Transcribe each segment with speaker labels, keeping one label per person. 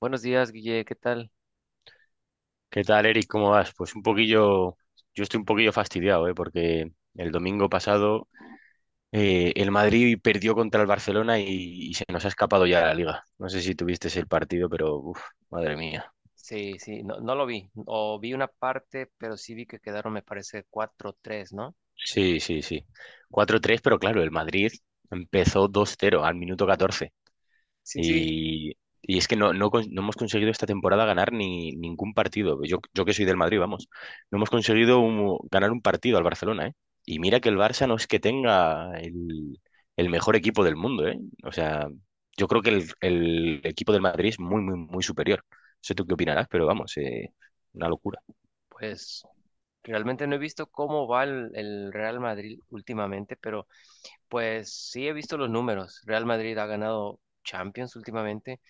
Speaker 1: Buenos días, Guille, ¿qué tal?
Speaker 2: ¿Qué tal, Eric? ¿Cómo vas? Pues un poquillo, yo estoy un poquillo fastidiado, ¿eh? Porque el domingo pasado el Madrid perdió contra el Barcelona y se nos ha escapado ya la liga. No sé si tuviste el partido, pero uf, madre mía.
Speaker 1: Sí, sí, no, no lo vi, o vi una parte, pero sí vi que quedaron, me parece, cuatro tres, ¿no?
Speaker 2: Sí, sí, sí. Cuatro tres, pero claro, el Madrid empezó dos cero al minuto 14.
Speaker 1: Sí, sí,
Speaker 2: Y es que no hemos conseguido esta temporada ganar ni ningún partido. Yo que soy del Madrid, vamos. No hemos conseguido ganar un partido al Barcelona, ¿eh? Y mira que el Barça no es que tenga el mejor equipo del mundo, ¿eh? O sea, yo creo que el equipo del Madrid es muy, muy, muy superior. No sé tú qué opinarás, pero vamos, una locura.
Speaker 1: pues realmente no he visto cómo va el Real Madrid últimamente, pero pues sí he visto los números. Real Madrid ha ganado Champions últimamente,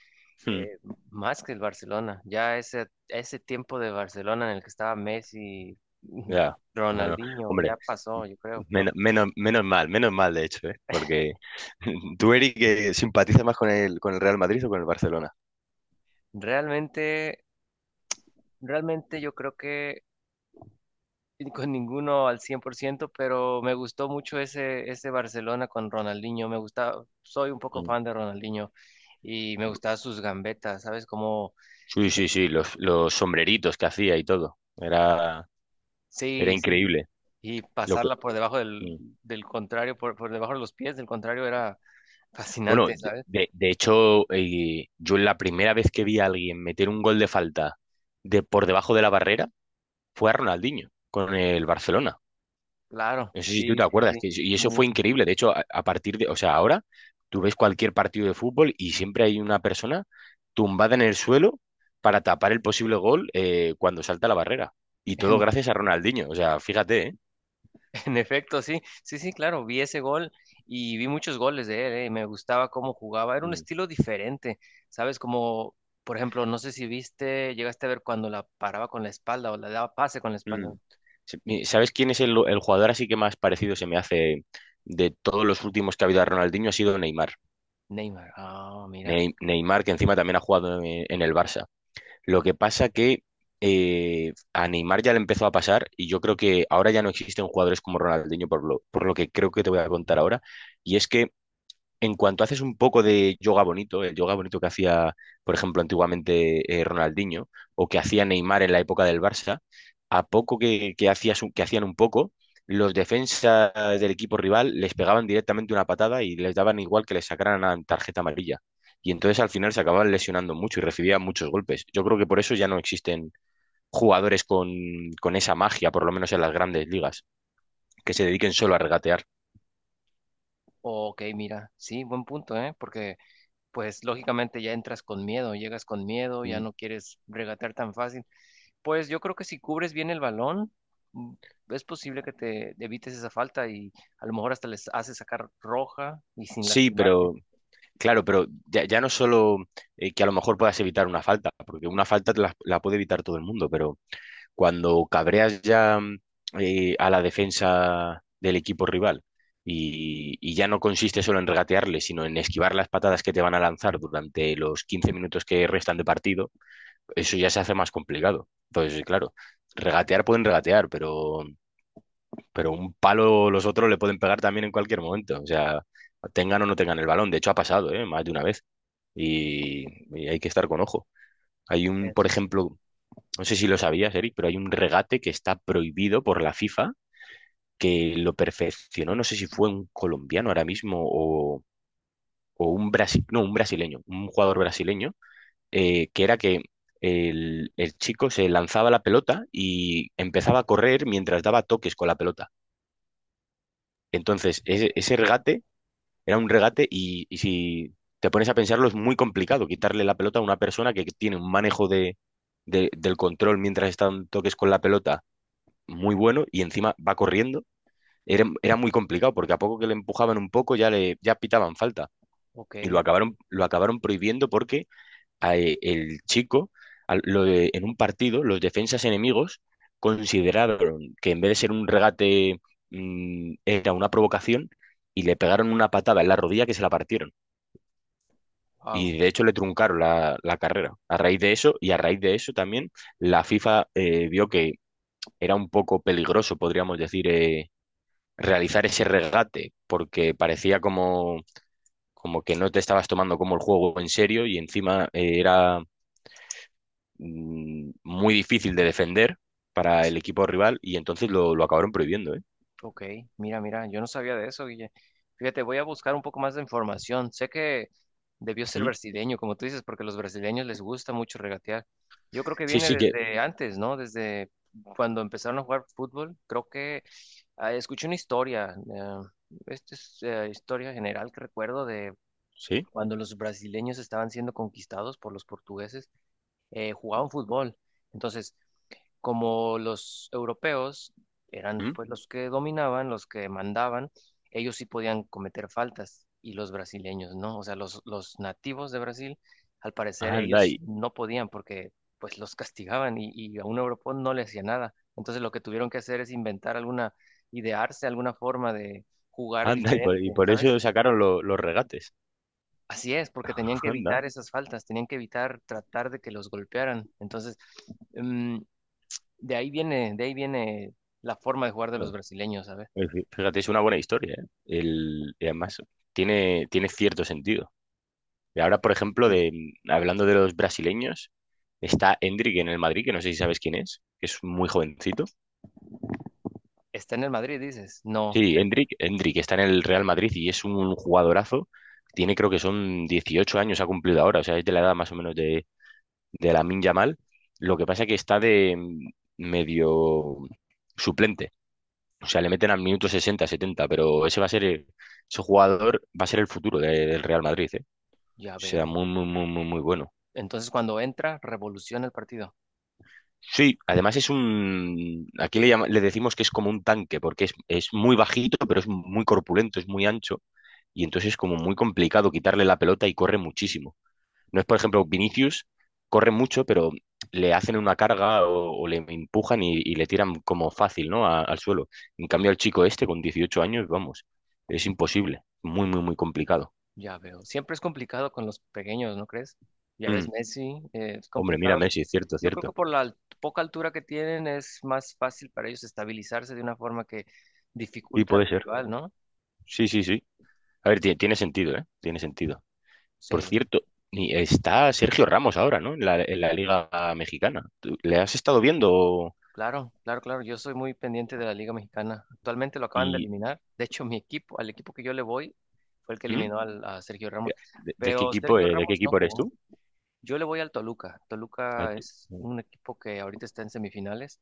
Speaker 1: eh, más que el Barcelona. Ya ese tiempo de Barcelona en el que estaba Messi,
Speaker 2: Ya, no, no,
Speaker 1: Ronaldinho,
Speaker 2: hombre,
Speaker 1: ya pasó, yo creo, pero
Speaker 2: menos mal de hecho, ¿eh? Porque tú, Eric, que simpatizas más con con el Real Madrid o con el Barcelona.
Speaker 1: realmente, realmente yo creo que con ninguno al cien por ciento, pero me gustó mucho ese Barcelona con Ronaldinho. Me gusta, soy un poco
Speaker 2: Mm.
Speaker 1: fan de Ronaldinho y me gustaban sus gambetas, ¿sabes? Como,
Speaker 2: Sí, sí, sí, los sombreritos que hacía y todo. Era, era
Speaker 1: sí, sí,
Speaker 2: increíble.
Speaker 1: y
Speaker 2: Lo que,
Speaker 1: pasarla por debajo
Speaker 2: mm.
Speaker 1: del contrario, por debajo de los pies del contrario era
Speaker 2: bueno,
Speaker 1: fascinante, ¿sabes?
Speaker 2: de hecho, yo la primera vez que vi a alguien meter un gol de falta de por debajo de la barrera fue a Ronaldinho con el Barcelona.
Speaker 1: Claro,
Speaker 2: No sé si tú
Speaker 1: sí,
Speaker 2: te
Speaker 1: sí,
Speaker 2: acuerdas,
Speaker 1: sí.
Speaker 2: que, y eso
Speaker 1: Mu-
Speaker 2: fue increíble. De hecho, a partir de, o sea, ahora tú ves cualquier partido de fútbol y siempre hay una persona tumbada en el suelo para tapar el posible gol cuando salta la barrera. Y todo gracias a Ronaldinho. O sea, fíjate, ¿eh?
Speaker 1: En efecto, sí, sí, sí, claro, vi ese gol y vi muchos goles de él, y me gustaba cómo jugaba, era un
Speaker 2: Mm.
Speaker 1: estilo diferente, ¿sabes? Como, por ejemplo, no sé si viste, llegaste a ver cuando la paraba con la espalda o la daba pase con la espalda.
Speaker 2: Mm. ¿Sabes quién es el jugador así que más parecido se me hace de todos los últimos que ha habido a Ronaldinho? Ha sido Neymar.
Speaker 1: Neymar, ah, mira,
Speaker 2: Neymar, que encima también ha jugado en el Barça. Lo que pasa que a Neymar ya le empezó a pasar y yo creo que ahora ya no existen jugadores como Ronaldinho por lo que creo que te voy a contar ahora. Y es que en cuanto haces un poco de yoga bonito, el yoga bonito que hacía, por ejemplo, antiguamente Ronaldinho o que hacía Neymar en la época del Barça, a poco que que hacían un poco, los defensas del equipo rival les pegaban directamente una patada y les daban igual que les sacaran una tarjeta amarilla. Y entonces al final se acababan lesionando mucho y recibían muchos golpes. Yo creo que por eso ya no existen jugadores con esa magia, por lo menos en las grandes ligas, que se dediquen solo a regatear.
Speaker 1: ok, mira, sí, buen punto, ¿eh? Porque, pues, lógicamente ya entras con miedo, llegas con miedo, ya
Speaker 2: Mm.
Speaker 1: no quieres regatear tan fácil. Pues yo creo que si cubres bien el balón, mm, es posible que te evites esa falta y a lo mejor hasta les haces sacar roja y sin
Speaker 2: Sí,
Speaker 1: lastimarte.
Speaker 2: pero claro, pero ya no solo que a lo mejor puedas evitar una falta, porque una falta la puede evitar todo el mundo, pero cuando cabreas ya a la defensa del equipo rival y ya no consiste solo en regatearle, sino en esquivar las patadas que te van a lanzar durante los 15 minutos que restan de partido, eso ya se hace más complicado. Entonces, claro, regatear pueden regatear, pero un palo los otros le pueden pegar también en cualquier momento, o sea, tengan o no tengan el balón. De hecho, ha pasado, ¿eh? Más de una vez y, y hay que estar con ojo. Por
Speaker 1: Eso es, este,
Speaker 2: ejemplo, no sé si lo sabías, Eric, pero hay un regate que está prohibido por la FIFA, que lo perfeccionó, no sé si fue un colombiano ahora mismo o, no, un brasileño, un jugador brasileño, que era que el chico se lanzaba la pelota y empezaba a correr mientras daba toques con la pelota. Entonces,
Speaker 1: ok,
Speaker 2: ese regate era un regate y si te pones a pensarlo es muy complicado quitarle la pelota a una persona que tiene un manejo del control mientras está en toques con la pelota muy bueno y encima va corriendo. Era, era muy complicado porque a poco que le empujaban un poco ya le ya pitaban falta
Speaker 1: ok,
Speaker 2: y lo acabaron prohibiendo porque el chico en un partido los defensas enemigos consideraron que en vez de ser un regate era una provocación y le pegaron una patada en la rodilla que se la partieron.
Speaker 1: wow.
Speaker 2: Y de hecho le truncaron la carrera a raíz de eso y a raíz de eso también la FIFA vio que era un poco peligroso, podríamos decir, realizar ese regate porque parecía como, como que no te estabas tomando como el juego en serio y encima era muy difícil de defender para el equipo rival y entonces lo acabaron prohibiendo, ¿eh?
Speaker 1: Ok, mira, mira, yo no sabía de eso, Guille. Fíjate, voy a buscar un poco más de información. Sé que debió ser
Speaker 2: ¿Mm?
Speaker 1: brasileño, como tú dices, porque a los brasileños les gusta mucho regatear. Yo creo que
Speaker 2: Sí,
Speaker 1: viene
Speaker 2: sí que...
Speaker 1: desde antes, ¿no? Desde cuando empezaron a jugar fútbol. Creo que ah, escuché una historia, esta es historia general que recuerdo de
Speaker 2: Sí.
Speaker 1: cuando los brasileños estaban siendo conquistados por los portugueses, jugaban fútbol. Entonces, como los europeos eran
Speaker 2: ¿Mm?
Speaker 1: pues los que dominaban, los que mandaban, ellos sí podían cometer faltas y los brasileños no. O sea, los nativos de Brasil, al parecer,
Speaker 2: Anda
Speaker 1: ellos
Speaker 2: y,
Speaker 1: no podían porque pues los castigaban y a un europeo no le hacía nada. Entonces lo que tuvieron que hacer es inventar alguna, idearse alguna forma de jugar
Speaker 2: anda
Speaker 1: diferente,
Speaker 2: y por
Speaker 1: ¿sabes?
Speaker 2: eso sacaron los regates.
Speaker 1: Así es, porque tenían que
Speaker 2: Anda.
Speaker 1: evitar esas faltas, tenían que evitar tratar de que los golpearan. Entonces, mm, de ahí viene la forma de jugar de los brasileños, ¿sabes?
Speaker 2: Fíjate, es una buena historia, ¿eh? El, y además tiene, tiene cierto sentido. Y ahora, por ejemplo,
Speaker 1: Sí.
Speaker 2: de, hablando de los brasileños, está Endrick en el Madrid, que no sé si sabes quién es, que es muy jovencito.
Speaker 1: Está en el Madrid, dices, no,
Speaker 2: Sí, Endrick, Endrick está en el Real Madrid y es un jugadorazo. Tiene, creo que son 18 años, ha cumplido ahora, o sea, es de la edad más o menos de Lamine Yamal. Lo que pasa que está de medio suplente. O sea, le meten al minuto 60, 70, pero ese va a ser, ese jugador va a ser el futuro del Real Madrid, ¿eh? O
Speaker 1: ya
Speaker 2: sea,
Speaker 1: veo.
Speaker 2: muy, muy, muy, muy, muy bueno.
Speaker 1: Entonces cuando entra, revoluciona el partido.
Speaker 2: Sí, además es un, aquí le, le decimos que es como un tanque, porque es muy bajito, pero es muy corpulento, es muy ancho, y entonces es como muy complicado quitarle la pelota y corre muchísimo. No es, por
Speaker 1: Sí,
Speaker 2: ejemplo,
Speaker 1: sí.
Speaker 2: Vinicius corre mucho, pero le hacen una carga o le empujan y le tiran como fácil, ¿no? Al suelo. En cambio, el chico este, con 18 años, vamos, es imposible. Muy, muy, muy complicado.
Speaker 1: Ya veo. Siempre es complicado con los pequeños, ¿no crees? Ya ves,
Speaker 2: Mm,
Speaker 1: Messi, es
Speaker 2: hombre, mira
Speaker 1: complicado.
Speaker 2: Messi, es cierto,
Speaker 1: Yo creo que
Speaker 2: cierto.
Speaker 1: por la poca altura que tienen es más fácil para ellos estabilizarse de una forma que
Speaker 2: Y
Speaker 1: dificulta al
Speaker 2: puede ser.
Speaker 1: rival, ¿no?
Speaker 2: Sí, sí, sí. A ver, tiene, tiene sentido, ¿eh? Tiene sentido. Por
Speaker 1: Sí.
Speaker 2: cierto, y está Sergio Ramos ahora, ¿no? En la Liga Mexicana. ¿Tú le has estado viendo?
Speaker 1: Claro, claro, claro. Yo soy muy pendiente de la Liga Mexicana. Actualmente lo acaban de
Speaker 2: ¿Y
Speaker 1: eliminar. De hecho, mi equipo, al equipo que yo le voy, fue el que
Speaker 2: ¿Mm?
Speaker 1: eliminó a Sergio Ramos.
Speaker 2: De,
Speaker 1: Pero Sergio
Speaker 2: de qué
Speaker 1: Ramos no
Speaker 2: equipo eres
Speaker 1: jugó.
Speaker 2: tú?
Speaker 1: Yo le voy al Toluca. Toluca
Speaker 2: Al-
Speaker 1: es
Speaker 2: ¿Mm?
Speaker 1: un equipo que ahorita está en semifinales.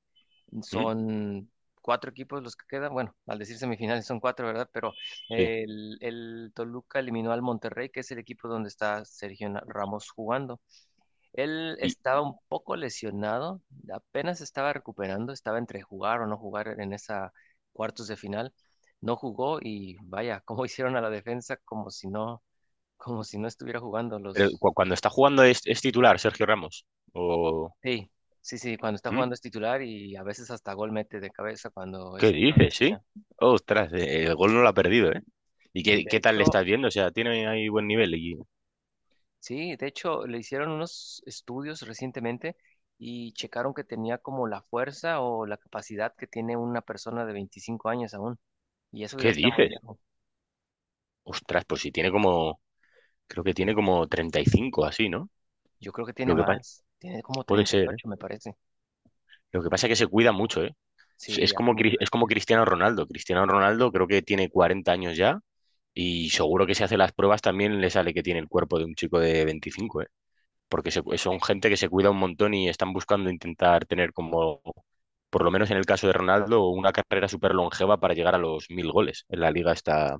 Speaker 2: Mm,
Speaker 1: Son cuatro equipos los que quedan. Bueno, al decir semifinales son cuatro, ¿verdad? Pero
Speaker 2: sí.
Speaker 1: el Toluca eliminó al Monterrey, que es el equipo donde está Sergio Ramos jugando. Él
Speaker 2: Y,
Speaker 1: estaba un poco lesionado, apenas estaba recuperando, estaba entre jugar o no jugar en esa cuartos de final. No jugó y vaya, cómo hicieron a la defensa como si no estuviera jugando
Speaker 2: pero
Speaker 1: los.
Speaker 2: cuando está jugando es titular Sergio Ramos. O,
Speaker 1: Sí, sí, sí, cuando está
Speaker 2: ¿Mm?
Speaker 1: jugando es titular y a veces hasta gol mete de cabeza cuando
Speaker 2: ¿Qué
Speaker 1: es tiro de
Speaker 2: dices, sí?
Speaker 1: esquina.
Speaker 2: Ostras, el gol no lo ha perdido, ¿eh? ¿Y qué,
Speaker 1: De
Speaker 2: qué tal le
Speaker 1: hecho,
Speaker 2: estás viendo? O sea, tiene ahí buen nivel. ¿Y
Speaker 1: sí, de hecho le hicieron unos estudios recientemente y checaron que tenía como la fuerza o la capacidad que tiene una persona de 25 años aún. Y eso ya
Speaker 2: qué
Speaker 1: está muy
Speaker 2: dices?
Speaker 1: viejo.
Speaker 2: Ostras, pues si tiene como, creo que tiene como 35 así, ¿no?
Speaker 1: Yo creo que tiene
Speaker 2: Lo que pasa,
Speaker 1: más. Tiene como
Speaker 2: puede
Speaker 1: treinta y
Speaker 2: ser, ¿eh?
Speaker 1: ocho, me parece.
Speaker 2: Lo que pasa es que se cuida mucho, ¿eh?
Speaker 1: Sí, hace mucho
Speaker 2: Es como
Speaker 1: ejercicio.
Speaker 2: Cristiano Ronaldo. Cristiano Ronaldo creo que tiene 40 años ya y seguro que si hace las pruebas también le sale que tiene el cuerpo de un chico de 25, ¿eh? Porque son gente que se cuida un montón y están buscando intentar tener como, por lo menos en el caso de Ronaldo, una carrera súper longeva para llegar a los 1000 goles en la liga esta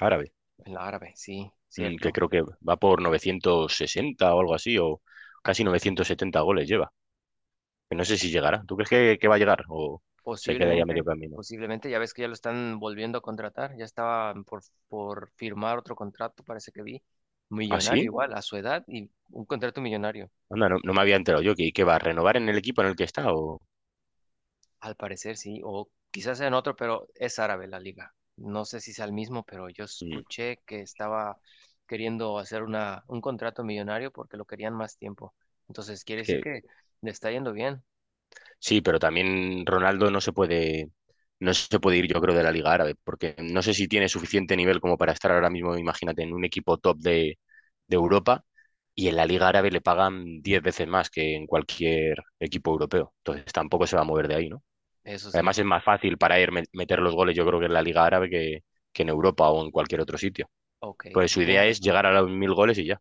Speaker 2: árabe,
Speaker 1: El árabe, sí,
Speaker 2: que
Speaker 1: cierto.
Speaker 2: creo que va por 960 o algo así, o casi 970 goles lleva. Que no sé si llegará. ¿Tú crees que va a llegar o se queda ya medio
Speaker 1: Posiblemente,
Speaker 2: camino?
Speaker 1: posiblemente, ya ves que ya lo están volviendo a contratar. Ya estaba por firmar otro contrato, parece que vi.
Speaker 2: ¿Ah,
Speaker 1: Millonario
Speaker 2: sí?
Speaker 1: igual, a su edad y un contrato millonario.
Speaker 2: Anda, no, no me había enterado yo. Que va a renovar en el equipo en el que está? O...
Speaker 1: Al parecer sí, o quizás en otro, pero es árabe la liga. No sé si sea el mismo, pero yo
Speaker 2: Mm,
Speaker 1: escuché que estaba queriendo hacer una, un contrato millonario porque lo querían más tiempo. Entonces, quiere
Speaker 2: es
Speaker 1: decir
Speaker 2: que
Speaker 1: que le está yendo bien.
Speaker 2: sí, pero también Ronaldo no se puede, no se puede ir, yo creo, de la Liga Árabe, porque no sé si tiene suficiente nivel como para estar ahora mismo, imagínate, en un equipo top de Europa y en la Liga Árabe le pagan 10 veces más que en cualquier equipo europeo. Entonces tampoco se va a mover de ahí, ¿no?
Speaker 1: Eso sí.
Speaker 2: Además es más fácil para él meter los goles, yo creo que en la Liga Árabe que en Europa o en cualquier otro sitio.
Speaker 1: Ok,
Speaker 2: Pues su idea
Speaker 1: tiene
Speaker 2: es
Speaker 1: razón.
Speaker 2: llegar a los mil goles y ya,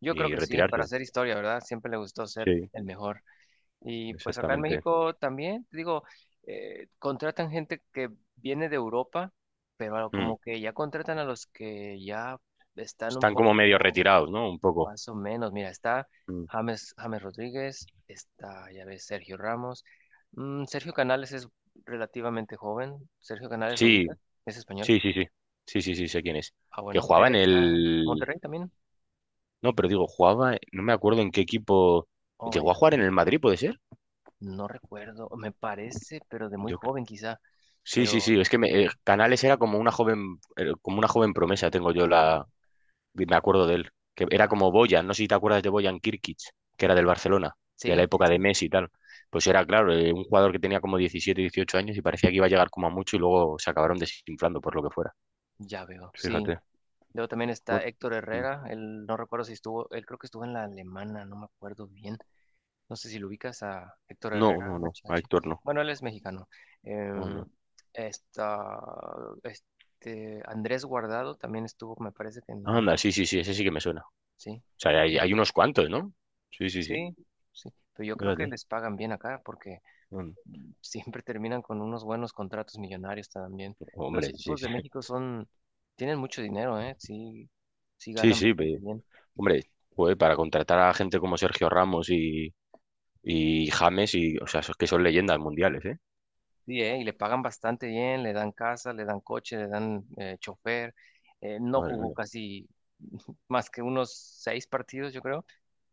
Speaker 1: Yo creo
Speaker 2: y
Speaker 1: que sí,
Speaker 2: retirarse.
Speaker 1: para hacer historia, ¿verdad? Siempre le gustó ser
Speaker 2: Sí,
Speaker 1: el mejor. Y pues acá en
Speaker 2: exactamente.
Speaker 1: México también, te digo, contratan gente que viene de Europa, pero
Speaker 2: Mm.
Speaker 1: como que ya contratan a los que ya están un
Speaker 2: Están como medio
Speaker 1: poco.
Speaker 2: retirados, ¿no? Un poco.
Speaker 1: Más o menos, mira, está
Speaker 2: Mm.
Speaker 1: James, James Rodríguez, está, ya ves, Sergio Ramos. Mm, Sergio Canales es relativamente joven. Sergio Canales lo
Speaker 2: Sí,
Speaker 1: ubica, es español.
Speaker 2: sí, sí, sí. Sí, sí, sí, sé quién es.
Speaker 1: Ah,
Speaker 2: Que
Speaker 1: bueno,
Speaker 2: jugaba
Speaker 1: él
Speaker 2: en
Speaker 1: está
Speaker 2: el...
Speaker 1: Monterrey también.
Speaker 2: No, pero digo, jugaba... No me acuerdo en qué equipo...
Speaker 1: Oh,
Speaker 2: ¿Llegó a
Speaker 1: ya.
Speaker 2: jugar en el Madrid, puede ser?
Speaker 1: No recuerdo, me parece, pero de muy
Speaker 2: Yo creo...
Speaker 1: joven quizá.
Speaker 2: Sí, sí,
Speaker 1: Pero
Speaker 2: sí. Es que
Speaker 1: sí,
Speaker 2: Canales era como una como una joven promesa, tengo yo la...
Speaker 1: oh,
Speaker 2: Me acuerdo de él. Que era
Speaker 1: ya.
Speaker 2: como Boyan. No sé si te acuerdas de Boyan Kirkic, que era del Barcelona, de la
Speaker 1: Sí, sí,
Speaker 2: época de
Speaker 1: sí,
Speaker 2: Messi y tal. Pues era, claro, un jugador que tenía como 17 18 años y parecía que iba a llegar como a mucho y luego se acabaron desinflando por lo que fuera.
Speaker 1: ya veo, sí.
Speaker 2: Fíjate.
Speaker 1: Luego también está
Speaker 2: Bueno,
Speaker 1: Héctor
Speaker 2: mm,
Speaker 1: Herrera, él no recuerdo si estuvo, él creo que estuvo en la alemana, no me acuerdo bien. No sé si lo ubicas a Héctor
Speaker 2: no,
Speaker 1: Herrera,
Speaker 2: no, no. A
Speaker 1: HH.
Speaker 2: Héctor no.
Speaker 1: Bueno, él es mexicano.
Speaker 2: No,
Speaker 1: Em,
Speaker 2: no.
Speaker 1: está, este, Andrés Guardado también estuvo, me parece que en la...
Speaker 2: Anda, sí, sí, sí, ese sí que me suena. O
Speaker 1: Sí,
Speaker 2: sea,
Speaker 1: ok.
Speaker 2: hay unos cuantos, ¿no? Sí, sí, sí.
Speaker 1: Sí, sí. Pero yo creo que
Speaker 2: Fíjate.
Speaker 1: les pagan bien acá porque
Speaker 2: Mm,
Speaker 1: siempre terminan con unos buenos contratos millonarios también. Los
Speaker 2: hombre, sí,
Speaker 1: equipos
Speaker 2: sí.
Speaker 1: de México son, tienen mucho dinero, ¿eh? Sí, sí
Speaker 2: Sí,
Speaker 1: ganan
Speaker 2: sí, pero,
Speaker 1: bastante bien.
Speaker 2: hombre, joder, para contratar a gente como Sergio Ramos y James, y, o sea, esos que son leyendas mundiales, ¿eh?
Speaker 1: Sí, y le pagan bastante bien, le dan casa, le dan coche, le dan chofer. No
Speaker 2: Madre
Speaker 1: jugó
Speaker 2: mía.
Speaker 1: casi más que unos seis partidos, yo creo.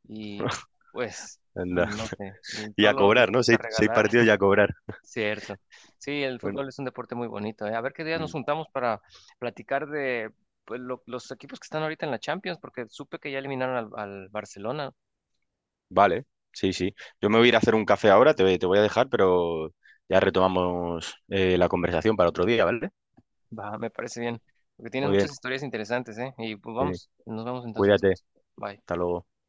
Speaker 1: Y pues,
Speaker 2: Anda.
Speaker 1: no sé,
Speaker 2: Y a
Speaker 1: solo les
Speaker 2: cobrar, ¿no?
Speaker 1: gusta
Speaker 2: Seis, seis
Speaker 1: regalar.
Speaker 2: partidos y a cobrar.
Speaker 1: Cierto. Sí, el
Speaker 2: Bueno,
Speaker 1: fútbol es un deporte muy bonito. A ver qué día nos
Speaker 2: mm,
Speaker 1: juntamos para platicar de pues, los equipos que están ahorita en la Champions, porque supe que ya eliminaron al Barcelona.
Speaker 2: vale, sí, sí. Yo me voy a ir a hacer un café ahora, te voy a dejar, pero ya retomamos la conversación para otro día, ¿vale?
Speaker 1: Va, me parece bien, porque tienes
Speaker 2: Muy bien,
Speaker 1: muchas historias interesantes, ¿eh? Y pues
Speaker 2: sí.
Speaker 1: vamos, nos vemos entonces
Speaker 2: Cuídate.
Speaker 1: después. Bye.
Speaker 2: Hasta luego.